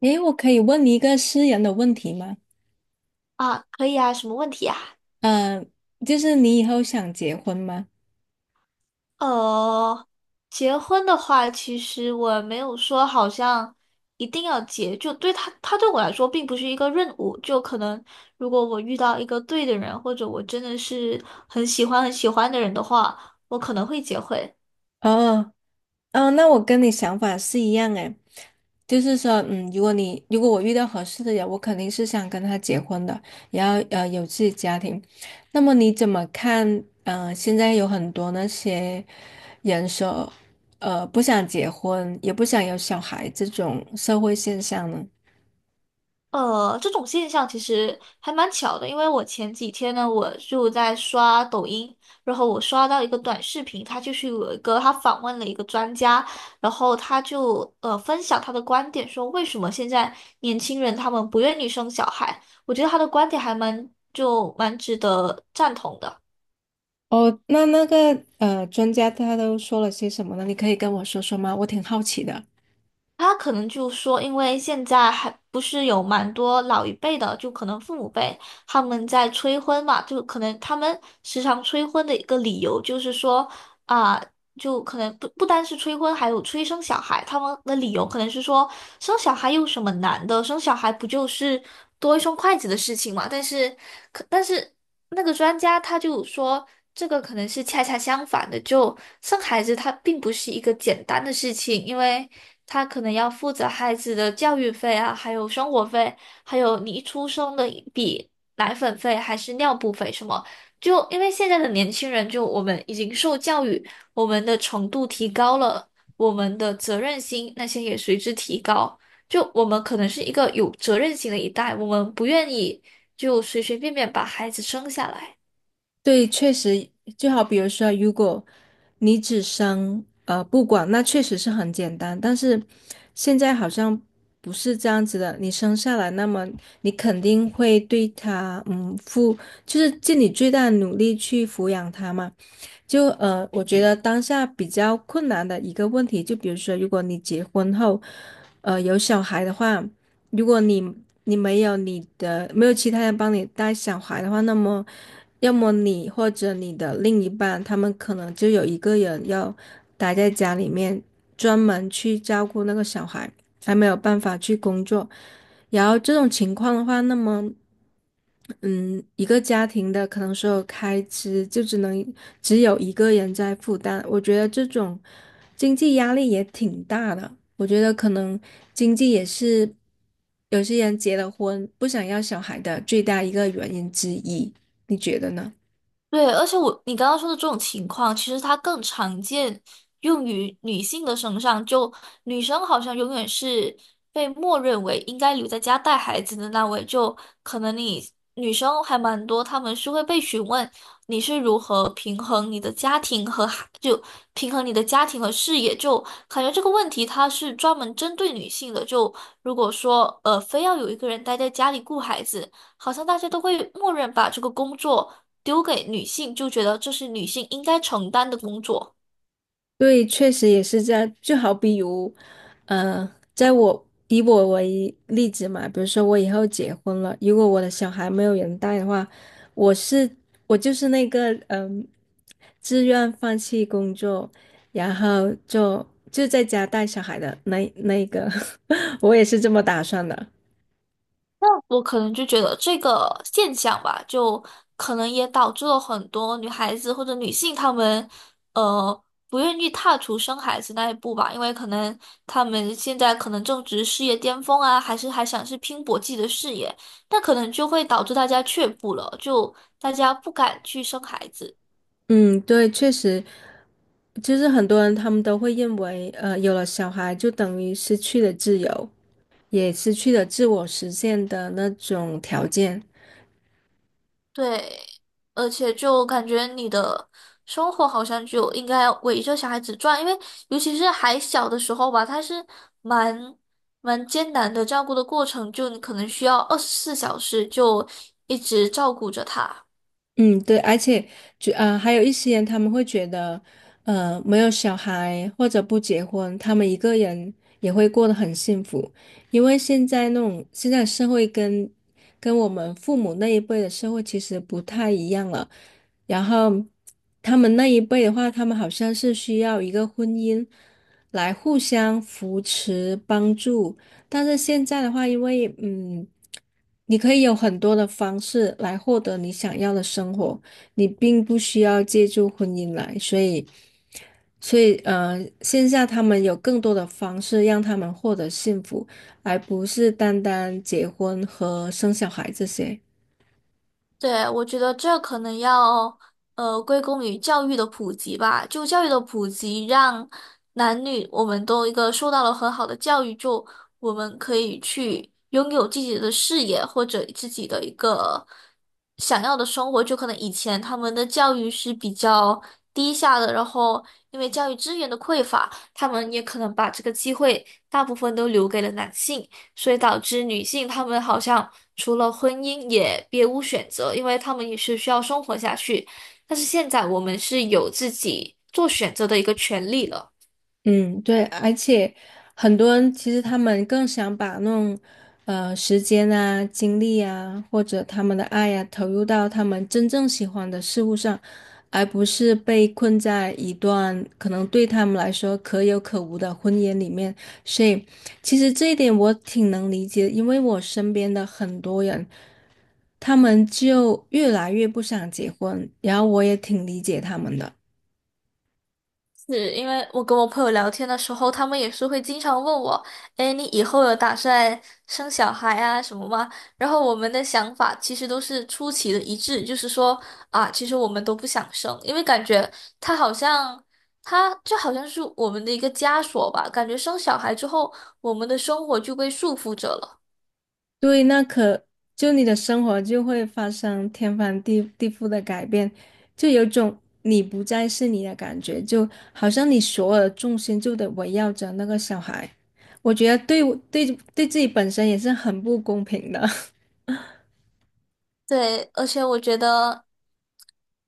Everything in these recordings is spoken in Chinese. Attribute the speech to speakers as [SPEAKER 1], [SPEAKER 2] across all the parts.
[SPEAKER 1] 诶，我可以问你一个私人的问题吗？
[SPEAKER 2] 啊，可以啊，什么问题啊？
[SPEAKER 1] 嗯、就是你以后想结婚吗？
[SPEAKER 2] 呃，结婚的话，其实我没有说好像一定要结，就他对我来说并不是一个任务，就可能如果我遇到一个对的人，或者我真的是很喜欢很喜欢的人的话，我可能会结婚。
[SPEAKER 1] 哦，哦，那我跟你想法是一样诶，就是说，如果我遇到合适的人，我肯定是想跟他结婚的，然后有自己家庭。那么你怎么看？嗯，现在有很多那些人说，不想结婚，也不想有小孩这种社会现象呢？
[SPEAKER 2] 这种现象其实还蛮巧的，因为我前几天呢，我就在刷抖音，然后我刷到一个短视频，它就是有一个他访问了一个专家，然后他就分享他的观点，说为什么现在年轻人他们不愿意生小孩，我觉得他的观点还蛮就蛮值得赞同的。
[SPEAKER 1] 哦，那专家他都说了些什么呢？你可以跟我说说吗？我挺好奇的。
[SPEAKER 2] 他可能就说，因为现在还不是有蛮多老一辈的，就可能父母辈他们在催婚嘛，就可能他们时常催婚的一个理由就是说啊、就可能不单是催婚，还有催生小孩，他们的理由可能是说生小孩有什么难的，生小孩不就是多一双筷子的事情嘛？但是那个专家他就说，这个可能是恰恰相反的，就生孩子它并不是一个简单的事情，因为他可能要负责孩子的教育费啊，还有生活费，还有你一出生的一笔奶粉费还是尿布费什么。就因为现在的年轻人，就我们已经受教育，我们的程度提高了，我们的责任心那些也随之提高。就我们可能是一个有责任心的一代，我们不愿意。就随随便便把孩子生下来。
[SPEAKER 1] 对，确实，就好比如说，如果你只生不管，那确实是很简单。但是现在好像不是这样子的，你生下来，那么你肯定会对他付，就是尽你最大的努力去抚养他嘛。我觉得当下比较困难的一个问题，就比如说，如果你结婚后，有小孩的话。如果你没有其他人帮你带小孩的话，那么要么你或者你的另一半，他们可能就有一个人要待在家里面，专门去照顾那个小孩。才没有办法去工作。然后这种情况的话，那么，嗯，一个家庭的可能所有开支就只有一个人在负担，我觉得这种经济压力也挺大的。我觉得可能经济也是有些人结了婚不想要小孩的最大一个原因之一，你觉得呢？
[SPEAKER 2] 对，而且你刚刚说的这种情况，其实它更常见用于女性的身上。就女生好像永远是被默认为应该留在家带孩子的那位，就可能你女生还蛮多，她们是会被询问你是如何平衡你的家庭和孩，就平衡你的家庭和事业。就感觉这个问题它是专门针对女性的。就如果说非要有一个人待在家里顾孩子，好像大家都会默认把这个工作。丢给女性，就觉得这是女性应该承担的工作。
[SPEAKER 1] 对，确实也是这样。就好比如，呃，以我为例子嘛，比如说我以后结婚了，如果我的小孩没有人带的话，我是我就是那个自愿放弃工作，然后就在家带小孩的那个，我也是这么打算的。
[SPEAKER 2] 那我可能就觉得这个现象吧，就可能也导致了很多女孩子或者女性她们，呃，不愿意踏出生孩子那一步吧，因为可能她们现在可能正值事业巅峰啊，还想拼搏自己的事业，那可能就会导致大家却步了，就大家不敢去生孩子。
[SPEAKER 1] 嗯，对，确实，就是很多人他们都会认为，有了小孩就等于失去了自由，也失去了自我实现的那种条件。
[SPEAKER 2] 对，而且就感觉你的生活好像就应该围着小孩子转，因为尤其是还小的时候吧，他是蛮蛮艰难的照顾的过程，就你可能需要24小时就一直照顾着他。
[SPEAKER 1] 嗯，对，而且还有一些人他们会觉得，没有小孩或者不结婚，他们一个人也会过得很幸福，因为现在社会跟我们父母那一辈的社会其实不太一样了。然后他们那一辈的话，他们好像是需要一个婚姻来互相扶持帮助。但是现在的话，因为你可以有很多的方式来获得你想要的生活，你并不需要借助婚姻来，所以线下他们有更多的方式让他们获得幸福，而不是单单结婚和生小孩这些。
[SPEAKER 2] 对，我觉得这可能要归功于教育的普及吧，就教育的普及，让男女我们都一个受到了很好的教育，就我们可以去拥有自己的事业或者自己的一个想要的生活。就可能以前他们的教育是比较低下的，然后因为教育资源的匮乏，他们也可能把这个机会大部分都留给了男性。所以导致女性她们好像除了婚姻也别无选择，因为她们也是需要生活下去。但是现在我们是有自己做选择的一个权利了。
[SPEAKER 1] 嗯，对，而且很多人其实他们更想把那种时间啊、精力啊，或者他们的爱呀、投入到他们真正喜欢的事物上，而不是被困在一段可能对他们来说可有可无的婚姻里面。所以，其实这一点我挺能理解，因为我身边的很多人，他们就越来越不想结婚，然后我也挺理解他们的。
[SPEAKER 2] 是因为我跟我朋友聊天的时候，他们也是会经常问我，哎，你以后有打算生小孩啊什么吗？然后我们的想法其实都是出奇的一致，就是说啊，其实我们都不想生，因为感觉他好像他就好像是我们的一个枷锁吧，感觉生小孩之后，我们的生活就被束缚着了。
[SPEAKER 1] 对，就你的生活就会发生天翻地地覆的改变，就有种你不再是你的感觉，就好像你所有的重心就得围绕着那个小孩。我觉得对我对对自己本身也是很不公平的。
[SPEAKER 2] 对，而且我觉得，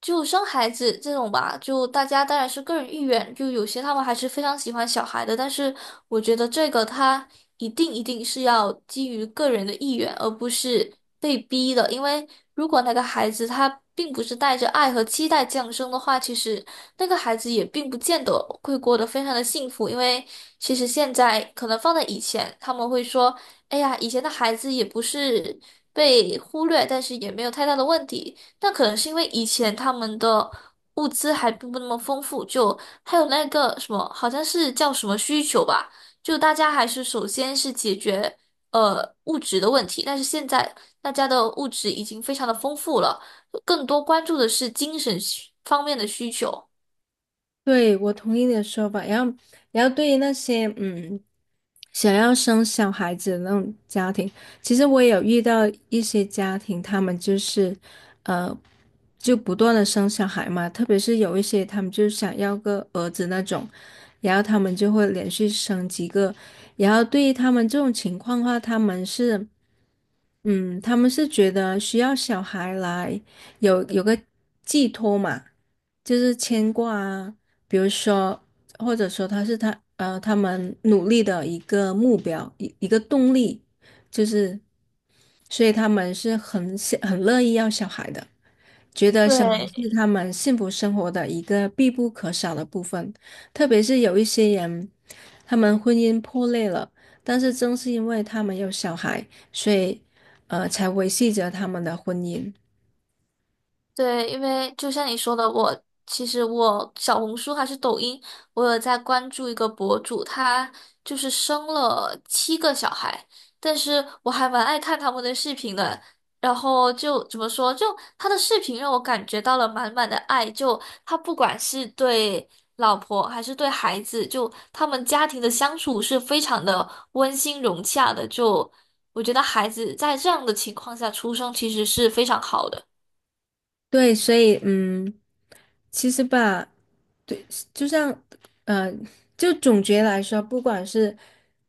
[SPEAKER 2] 就生孩子这种吧，就大家当然是个人意愿，就有些他们还是非常喜欢小孩的，但是我觉得这个他一定是要基于个人的意愿，而不是被逼的，因为如果那个孩子他并不是带着爱和期待降生的话，其实那个孩子也并不见得会过得非常的幸福，因为其实现在可能放在以前，他们会说。哎呀，以前的孩子也不是被忽略，但是也没有太大的问题。那可能是因为以前他们的物资还并不那么丰富，就还有那个什么，好像是叫什么需求吧，就大家还是首先是解决物质的问题。但是现在大家的物质已经非常的丰富了，更多关注的是精神需方面的需求。
[SPEAKER 1] 对，我同意你的说法。然后，然后对于那些想要生小孩子的那种家庭，其实我也有遇到一些家庭，他们就是，呃，就不断的生小孩嘛，特别是有一些他们就想要个儿子那种，然后他们就会连续生几个，然后对于他们这种情况的话，他们是。嗯，他们是觉得需要小孩来有个寄托嘛，就是牵挂啊，比如说，或者说他是他呃他们努力的一个目标，一个动力，就是，所以他们是很想很乐意要小孩的。觉得小孩
[SPEAKER 2] 对，
[SPEAKER 1] 是他们幸福生活的一个必不可少的部分，特别是有一些人，他们婚姻破裂了，但是正是因为他们有小孩，所以才维系着他们的婚姻。
[SPEAKER 2] 对，因为就像你说的，其实我小红书还是抖音，我有在关注一个博主，他就是生了7个小孩，但是我还蛮爱看他们的视频的。然后就怎么说，就他的视频让我感觉到了满满的爱，就他不管是对老婆还是对孩子，就他们家庭的相处是非常的温馨融洽的。就我觉得孩子在这样的情况下出生其实是非常好的。
[SPEAKER 1] 对，所以嗯，其实吧，对，就像，呃，就总结来说，不管是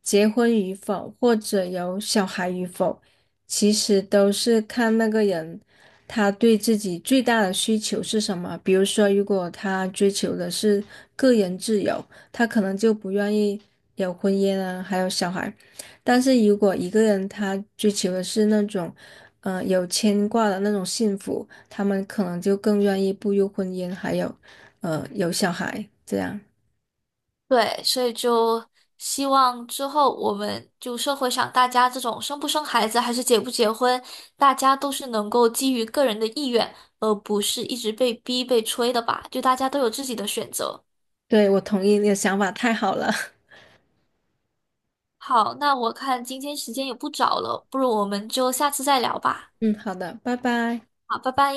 [SPEAKER 1] 结婚与否，或者有小孩与否，其实都是看那个人他对自己最大的需求是什么。比如说，如果他追求的是个人自由，他可能就不愿意有婚姻啊，还有小孩。但是如果一个人他追求的是那种，有牵挂的那种幸福，他们可能就更愿意步入婚姻，还有。有小孩这样。
[SPEAKER 2] 对，所以就希望之后我们就社会上大家这种生不生孩子还是结不结婚，大家都是能够基于个人的意愿，而不是一直被逼被催的吧，就大家都有自己的选择。
[SPEAKER 1] 对，我同意你的想法，太好了。
[SPEAKER 2] 好，那我看今天时间也不早了，不如我们就下次再聊吧。
[SPEAKER 1] 嗯，好的，拜拜。
[SPEAKER 2] 好，拜拜。